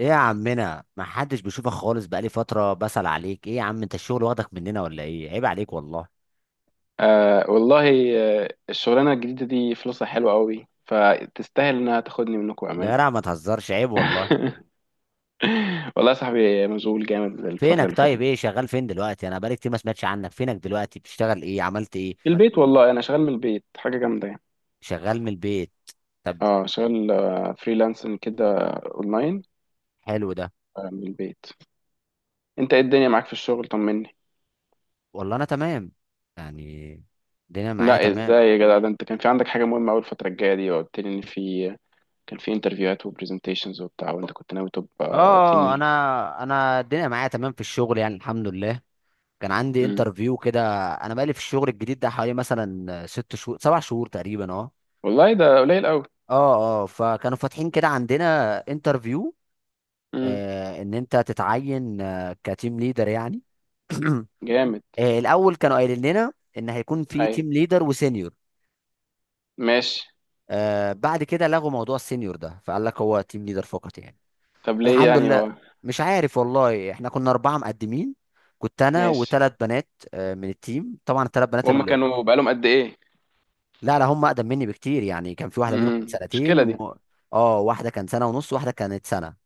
ايه يا عمنا، ما حدش بيشوفك خالص، بقالي فترة بسأل عليك. ايه يا عم، انت الشغل واخدك مننا ولا ايه؟ عيب عليك والله. آه والله. آه الشغلانة الجديدة دي فلوسها حلوة قوي فتستاهل انها تاخدني منكم ده امان. يا ما تهزرش، عيب والله. والله يا صاحبي مشغول جامد الفترة فينك اللي فاتت طيب؟ دي. ايه شغال فين دلوقتي؟ انا بقالي كتير ما سمعتش عنك. فينك دلوقتي بتشتغل ايه؟ عملت ايه؟ في البيت والله انا شغال من البيت حاجة جامدة يعني. شغال من البيت؟ طب. اه شغال فريلانسنج كده اونلاين. حلو ده. من البيت. انت ايه الدنيا معاك في الشغل؟ طمني. والله انا تمام يعني، الدنيا معايا لا تمام. ازاي يا جدع، ده انت كان في عندك حاجة مهمة اول الفترة الجاية دي، وقلت لي ان في كان في انترفيوهات وبرزنتيشنز وبتاع، وانت كنت ناوي تبقى تيم اه ليد. انا انا الدنيا معايا تمام في الشغل يعني، الحمد لله. كان عندي انترفيو كده. انا بقالي في الشغل الجديد ده حوالي مثلا ست شهور سبع شهور تقريبا. اه والله ده قليل قوي. اه اه فكانوا فاتحين كده عندنا انترفيو. امم ان انت تتعين كتيم ليدر يعني. جامد. الاول كانوا قايلين لنا ان هيكون في اي تيم ليدر وسينيور. ماشي. بعد كده لغوا موضوع السينيور ده، فقال لك هو تيم ليدر فقط يعني. طب ليه الحمد يعني لله. هو؟ مش عارف والله. احنا كنا اربعه مقدمين، كنت انا ماشي. وثلاث بنات من التيم. طبعا الثلاث بنات وهم ال... كانوا بقالهم قد ايه؟ لا لا، هم اقدم مني بكتير يعني. كان في واحده منهم سنتين المشكله دي. و... اه واحده كان سنه ونص، واحده كانت سنه.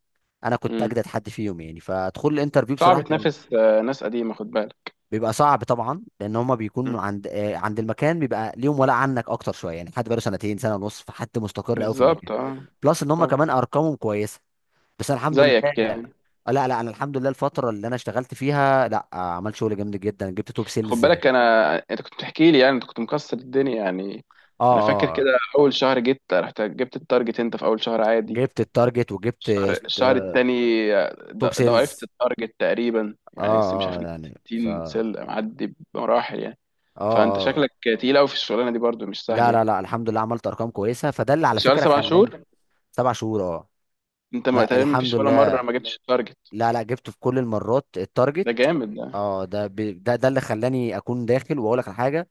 انا كنت امم اجدد حد فيهم يعني. فدخول الانترفيو صعب بصراحه كان تنافس ناس قديمه، خد بالك. بيبقى صعب طبعا، لان هما مم. بيكونوا عند عند المكان، بيبقى ليهم ولا عنك اكتر شويه يعني. حد بقاله سنتين سنه ونص، فحد مستقر قوي في المكان. بالظبط اه. بلس ان هما طبعا. كمان ارقامهم كويسه. بس أنا الحمد لله. زيك يعني. لا لا، انا الحمد لله الفتره اللي انا اشتغلت فيها لا، عملت شغل جامد جدا، جبت توب خد سيلز. بالك، اه انا انت كنت بتحكي لي، يعني انت كنت مكسر الدنيا يعني. اه انا فاكر كده. آه، اول شهر جيت رحت جبت التارجت انت في اول شهر عادي. جبت التارجت وجبت الشهر آه، التاني توب ضاعفت سيلز. التارجت تقريبا، يعني مش اه عارف اه جبت يعني ف 60 اه سلة معدي بمراحل يعني. فانت اه شكلك تقيل قوي في الشغلانه دي برضو، مش سهل لا يعني. لا لا، الحمد لله عملت ارقام كويسه، فده اللي على شغال فكره سبع خلاني. شهور سبع شهور، اه. انت ما ما تقريبا، ما الحمد فيش ولا مره لله، ما جبتش التارجت. لا لا، جبته في كل المرات التارجت. ده جامد ده. ده اللي خلاني اكون داخل واقول لك على حاجه.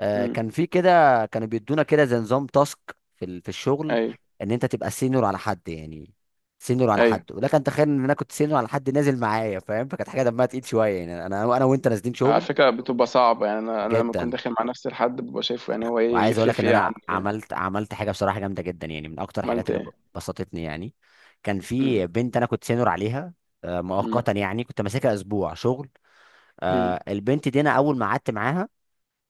امم كان في كده، كانوا بيدونا كده زي نظام تاسك في الشغل، ايوه ان انت تبقى سينيور على حد يعني. سينيور على ايوه. حد، ولكن تخيل ان انا كنت سينيور على حد نازل معايا، فاهم؟ فكانت حاجه دمها تقيل شويه يعني، انا انا وانت نازلين على شغل. فكره بتبقى صعبه يعني، انا لما كنت جدا. داخل مع نفسي لحد ببقى شايفه يعني هو ايه وعايز اقول يفرق لك ان في ايه انا عني يعني. عملت حاجه بصراحه جامده جدا يعني، من اكتر الحاجات عملت اللي ايه؟ بسطتني يعني. كان في امم بنت انا كنت سينور عليها امم مؤقتا يعني، كنت ماسكها اسبوع شغل. امم البنت دي انا اول ما قعدت معاها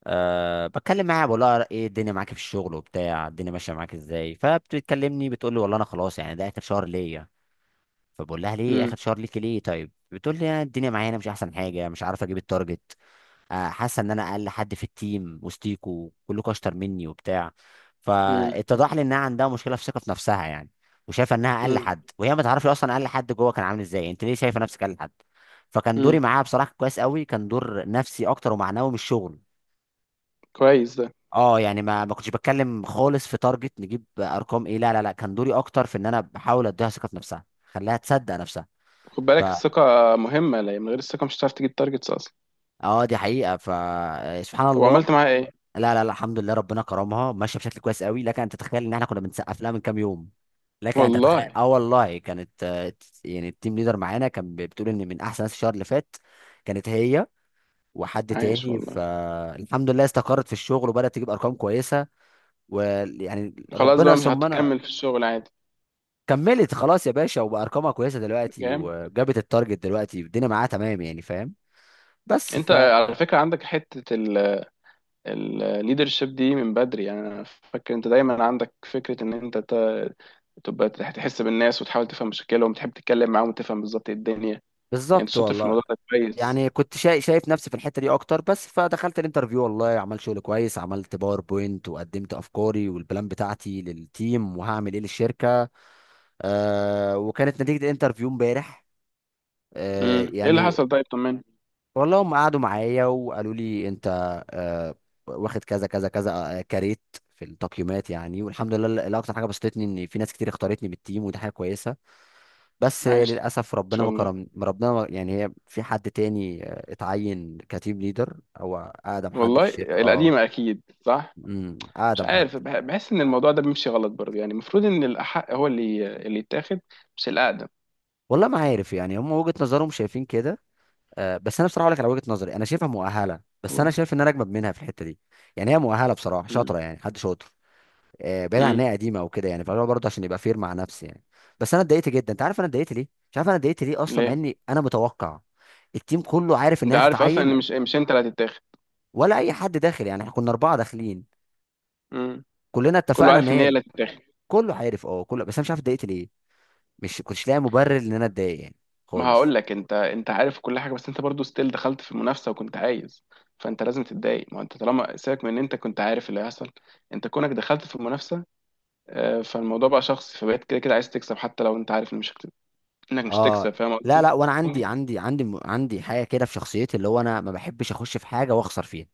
بتكلم معاها، بقول لها ايه الدنيا معاك في الشغل وبتاع، الدنيا ماشيه معاك ازاي؟ فبتكلمني بتقول لي والله انا خلاص يعني، ده اخر شهر ليا. فبقول لها ليه امم اخر شهر ليكي ليه؟ طيب. بتقول لي يعني الدنيا معايا أنا مش احسن حاجه، مش عارف اجيب التارجت. حاسه ان انا اقل حد في التيم، وسطيكوا كلكوا اشطر مني وبتاع. امم فاتضح لي انها عندها مشكله في ثقه في نفسها يعني، وشايفه انها اقل امم حد، وهي ما تعرفش اصلا اقل حد جوه كان عامل ازاي. انت ليه شايفه نفسك اقل حد؟ فكان دوري امم معاها بصراحه كويس قوي، كان دور نفسي اكتر ومعنوي من الشغل. كويس ده. اه يعني، ما كنتش بتكلم خالص في تارجت نجيب ارقام ايه، لا لا لا، كان دوري اكتر في ان انا بحاول اديها ثقه في نفسها، خليها تصدق نفسها. خد ف بالك، الثقه مهمه. لا، من غير الثقه مش هتعرف تجيب تارجتس اصلا. اه دي حقيقه، فسبحان طب الله. وعملت معاها ايه؟ لا لا لا، الحمد لله ربنا كرمها، ماشيه بشكل كويس قوي. لكن انت تتخيل ان احنا كنا بنسقف لها من كام يوم. لكن انت تتخيل، والله. اه والله كانت يعني التيم ليدر معانا كان بتقول ان من احسن ناس الشهر اللي فات كانت هي وحد عايش تاني. والله. فالحمد لله استقرت في الشغل، وبدات تجيب ارقام كويسه. ويعني خلاص ربنا بقى مش ثم انا هتكمل في الشغل عادي. كملت خلاص يا باشا، وبارقامها كويسه دلوقتي، جامد. وجابت التارجت دلوقتي، الدنيا معاها تمام يعني، فاهم؟ بس. انت على فكره عندك حته الليدرشيب دي من بدري، يعني انا فاكر انت دايما عندك فكره ان انت تبقى تحس بالناس وتحاول تفهم مشاكلهم وتحب تتكلم معاهم وتفهم بالظبط ايه الدنيا يعني. انت فبالظبط شاطر في والله. الموضوع ده كويس. يعني كنت شايف نفسي في الحته دي اكتر بس، فدخلت الانترفيو والله عملت شغل كويس، عملت باوربوينت وقدمت افكاري والبلان بتاعتي للتيم وهعمل ايه للشركه. وكانت نتيجه الانترفيو امبارح. آه ايه اللي حصل؟ يعني طيب طمني. والله هم قعدوا معايا وقالوا لي انت آه، واخد كذا كذا كذا كاريت في التقييمات يعني، والحمد لله الاكتر حاجه بسطتني ان في ناس كتير اختارتني بالتيم، ودي حاجه كويسه. بس عايش للاسف ربنا ما والله. كرم، ربنا ما يعني، هي في حد تاني اتعين كتيم ليدر، او اقدم حد في والله. الشركه اه. القديمه اكيد، صح. امم. مش اقدم حد. عارف، بحس ان الموضوع ده بيمشي غلط برضه، يعني المفروض ان الاحق هو اللي يتاخد، مش الاقدم. والله ما عارف يعني، هم وجهه نظرهم شايفين كده. بس انا بصراحه اقول لك على وجهه نظري، انا شايفها مؤهله، بس انا قول. شايف ان انا اجمد منها في الحته دي. يعني هي مؤهله بصراحه، امم شاطره يعني، حد شاطر بعيد عن ان امم هي قديمه او كده يعني. فاللي هو برضه عشان يبقى فير مع نفسي يعني. بس انا اتضايقت جدا. انت عارف انا اتضايقت ليه؟ مش عارف انا اتضايقت ليه اصلا، مع ليه؟ اني انا متوقع التيم كله عارف انت انها عارف اصلا ان تتعين، مش انت اللي هتتاخد. ولا اي حد داخل يعني. احنا كنا اربعه داخلين، كلنا كله اتفقنا ان عارف ان هي هي اللي هتتاخد. كله عارف اه كله. بس انا مش عارف اتضايقت ليه، مش كنتش لاقي مبرر ان انا اتضايق يعني ما هقول خالص. لك، انت عارف كل حاجه، بس انت برضو ستيل دخلت في المنافسه وكنت عايز. فانت لازم تتضايق، ما انت طالما سيبك من ان انت كنت عارف اللي هيحصل، انت كونك دخلت في المنافسه فالموضوع بقى شخصي، فبقيت كده كده عايز تكسب حتى لو انت عارف ان مش هت- انك مش هتكسب، اه فاهم لا قصدي. لا، وانا ممكن. عندي حاجه كده في شخصيتي، اللي هو انا ما بحبش اخش في حاجه واخسر فيها.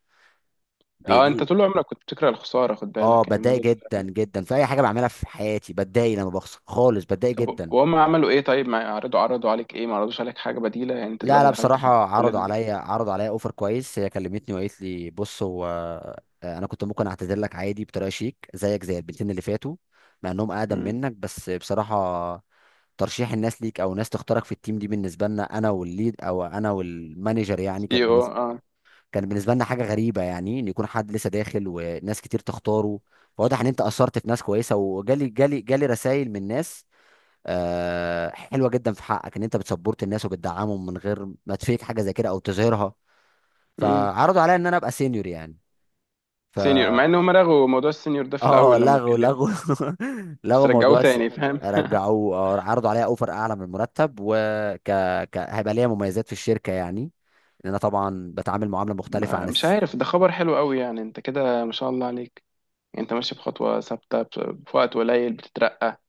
اه، انت بدي. طول عمرك كنت بتكره الخساره، خد اه بالك يعني بتضايق الموضوع جدا ده. جدا في اي حاجه بعملها في حياتي، بتضايق لما بخسر خالص، بتضايق طب جدا. وهم عملوا ايه؟ طيب ما عرضوا عليك ايه؟ ما عرضوش عليك حاجه بديله يعني، انت لا دلوقتي لا، دخلت بصراحة في كل عرضوا ده. عليا عرضوا عليا اوفر كويس. هي كلمتني وقالت لي بص، هو انا كنت ممكن اعتذر لك عادي بطريقة شيك زيك، زي البنتين اللي فاتوا، مع انهم اقدم منك. بس بصراحة ترشيح الناس ليك، او ناس تختارك في التيم دي، بالنسبة لنا انا والليد، او انا والمانجر يعني، سي كانت او. بالنسبة، كان بالنسبة لنا حاجة غريبة يعني، ان يكون حد لسه داخل وناس كتير تختاره. فواضح ان انت اثرت في ناس كويسة، وجالي جالي جالي رسائل من ناس حلوه جدا في حقك، ان انت بتسبورت الناس وبتدعمهم من غير ما تفيك حاجه زي كده او تظهرها. اه فعرضوا عليا ان انا ابقى سينيور يعني. ف سينيور، مع ان هم رغوا موضوع السينيور ده في اه، الاول لما لغوا اتكلمنا. لغوا بس لغوا رجعوه موضوع الس... تاني، فاهم. رجعوه عرضوا عليا اوفر اعلى من المرتب هيبقى ليا مميزات في الشركه يعني، لان انا طبعا بتعامل معامله مختلفه عن مش الس... عارف، ده خبر حلو قوي يعني، انت كده ما شاء الله عليك، يعني انت ماشي بخطوة ثابتة، في وقت قليل بتترقى.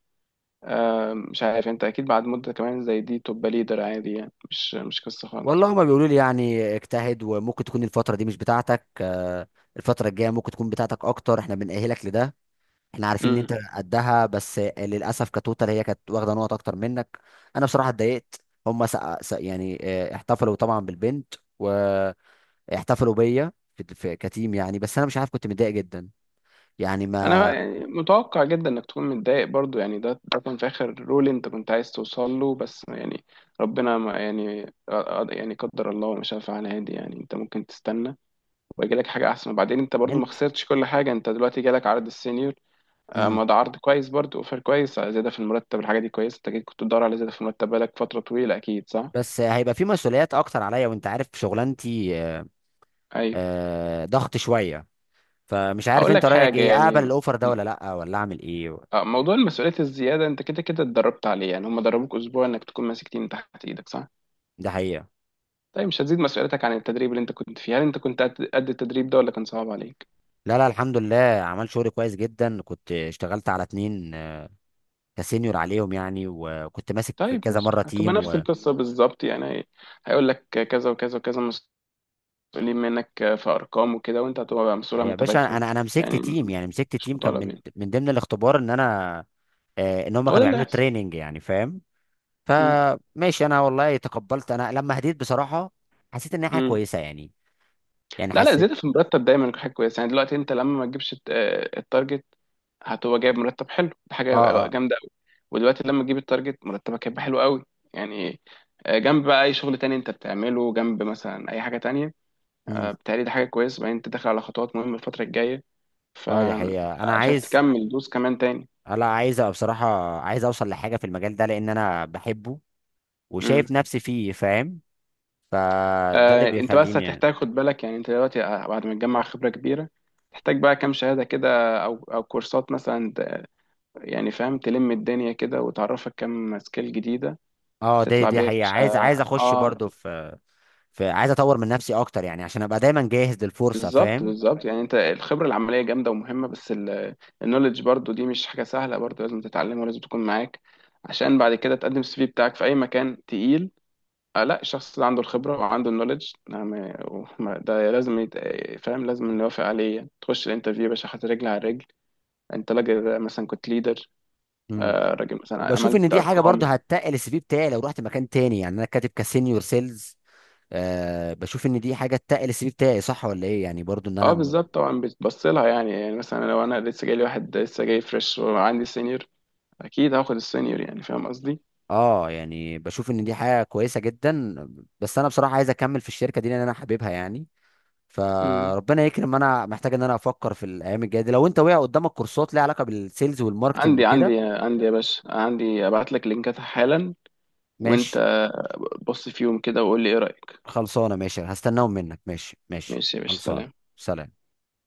مش عارف، انت اكيد بعد مدة كمان زي دي تبقى ليدر عادي، يعني مش مش قصة خالص. والله هما بيقولوا لي يعني اجتهد، وممكن تكون الفتره دي مش بتاعتك الفتره الجايه ممكن تكون بتاعتك اكتر، احنا بنأهلك لده، احنا عارفين ان امم انت قدها، بس للاسف كتوتال هي كانت واخده نقط اكتر منك. انا بصراحه اتضايقت. يعني احتفلوا طبعا بالبنت، واحتفلوا بيا كتيم يعني. بس انا مش عارف، كنت متضايق جدا يعني. انا ما يعني متوقع جدا انك تكون متضايق برضو، يعني ده كان في اخر رول انت كنت عايز توصل له، بس يعني ربنا ما يعني آه، آه، يعني قدر الله وما شاء فعل، عادي يعني. انت ممكن تستنى ويجي لك حاجه احسن، وبعدين انت برضو ما انت. خسرتش كل حاجه، انت دلوقتي جالك عرض السينيور. مم. ما ده عرض كويس برضو، اوفر كويس، زياده في المرتب، الحاجه دي كويسه. انت أكيد كنت بتدور على زياده في المرتب بقالك فتره طويله، اكيد صح. بس هيبقى في مسؤوليات اكتر عليا، وانت عارف شغلانتي ايوه. ضغط شويه. فمش عارف اقول انت لك رايك حاجه ايه، يعني. اقبل الاوفر ده ولا م- لا، ولا اعمل ايه؟ موضوع المسؤوليه الزياده، انت كده كده اتدربت عليه يعني. هم دربوك اسبوع انك تكون ماسك تيم تحت ايدك، صح؟ ده حقيقه. طيب مش هتزيد مسؤوليتك عن التدريب اللي انت كنت فيه. هل انت كنت قد التدريب ده ولا كان صعب عليك؟ لا لا الحمد لله، عمل شغل كويس جدا، كنت اشتغلت على اتنين كسينيور عليهم يعني، وكنت ماسك طيب كذا ماشي، مره هتبقى تيم نفس و... القصه بالظبط يعني. هيقول لك كذا وكذا وكذا مسؤولين منك في ارقام وكده، وانت هتبقى بقى مسؤول عن يا باشا، متابعتهم. انا مسكت يعني تيم يعني، مسكت مش تيم، كان مطالب من يعني. من ضمن الاختبار ان انا ان هم هو ده كانوا اللي بيعملوا هيحصل. تريننج يعني، فاهم؟ مم. فماشي انا والله تقبلت، انا لما هديت بصراحه حسيت ان هي حاجه مم. كويسه يعني. يعني لا لا، حسيت زيادة في المرتب دايما حاجة كويسة يعني. دلوقتي انت لما ما تجيبش التارجت، هتبقى جايب مرتب حلو، دي اه حاجة اه جامدة قوي. ودلوقتي لما تجيب التارجت مرتبك هيبقى حلو قوي يعني. جنب بقى اي شغل تاني انت بتعمله جنب، مثلا اي حاجة تانية. امم. بتهيألي دي حاجة كويسة. بعدين انت داخل على خطوات مهمة الفترة الجاية، اه دي حقيقه انا فشايف عايز، تكمل دوس كمان تاني. لا عايز أبقى بصراحه، عايز اوصل لحاجه في المجال ده لان انا بحبه، وشايف نفسي فيه، فاهم؟ فده اللي انت بس بيخليني. هتحتاج، خد بالك يعني، انت دلوقتي بعد ما تجمع خبرة كبيرة تحتاج بقى كام شهادة كده، او او كورسات مثلا، يعني فاهم، تلم الدنيا كده وتعرفك كام سكيل جديدة اه دي تطلع دي بيها يا حقيقه، باشا. عايز اخش اه برضو في، فعايز اطور من نفسي اكتر يعني، عشان ابقى دايما جاهز للفرصه، بالظبط فاهم؟ بالظبط. يعني انت الخبرة العملية جامدة ومهمة، بس النولج برضو دي مش حاجة سهلة برضو، لازم تتعلمها ولازم تكون معاك، عشان بعد كده تقدم السي في بتاعك في اي مكان تقيل. آه لا، الشخص اللي عنده الخبرة وعنده النولج، نعم. ده لازم يت... فاهم، لازم نوافق عليه يعني. تخش الانترفيو يا باشا حاطط رجل على رجل. انت راجل مثلا كنت ليدر، امم. آه راجل مثلا وبشوف ان عملت دي حاجه ارقام. برضو هتتقل السي في بتاعي لو رحت مكان تاني يعني، انا كاتب كسينيور سيلز. بشوف ان دي حاجه تتقل السي في بتاعي، صح ولا ايه؟ يعني برضو ان اه انا، بالظبط طبعا بتبص لها يعني. يعني مثلا لو انا لسه جاي لي واحد لسه جاي فريش، وعندي سينيور، اكيد هاخد السينيور، يعني فاهم قصدي. اه يعني، بشوف ان دي حاجه كويسه جدا. بس انا بصراحه عايز اكمل في الشركه دي لان انا حاببها يعني. مم. فربنا يكرم، انا محتاج ان انا افكر في الايام الجايه دي. لو انت وقع قدامك كورسات ليها علاقه بالسيلز والماركتنج عندي وكده. عندي عندي يا باشا، عندي، ابعت لك لينكات حالا. وانت ماشي بص فيهم كده وقول لي ايه رأيك. خلصانه، ماشي، هستناهم منك، ماشي ماشي ماشي يا باشا، خلصانه. سلام. سلام.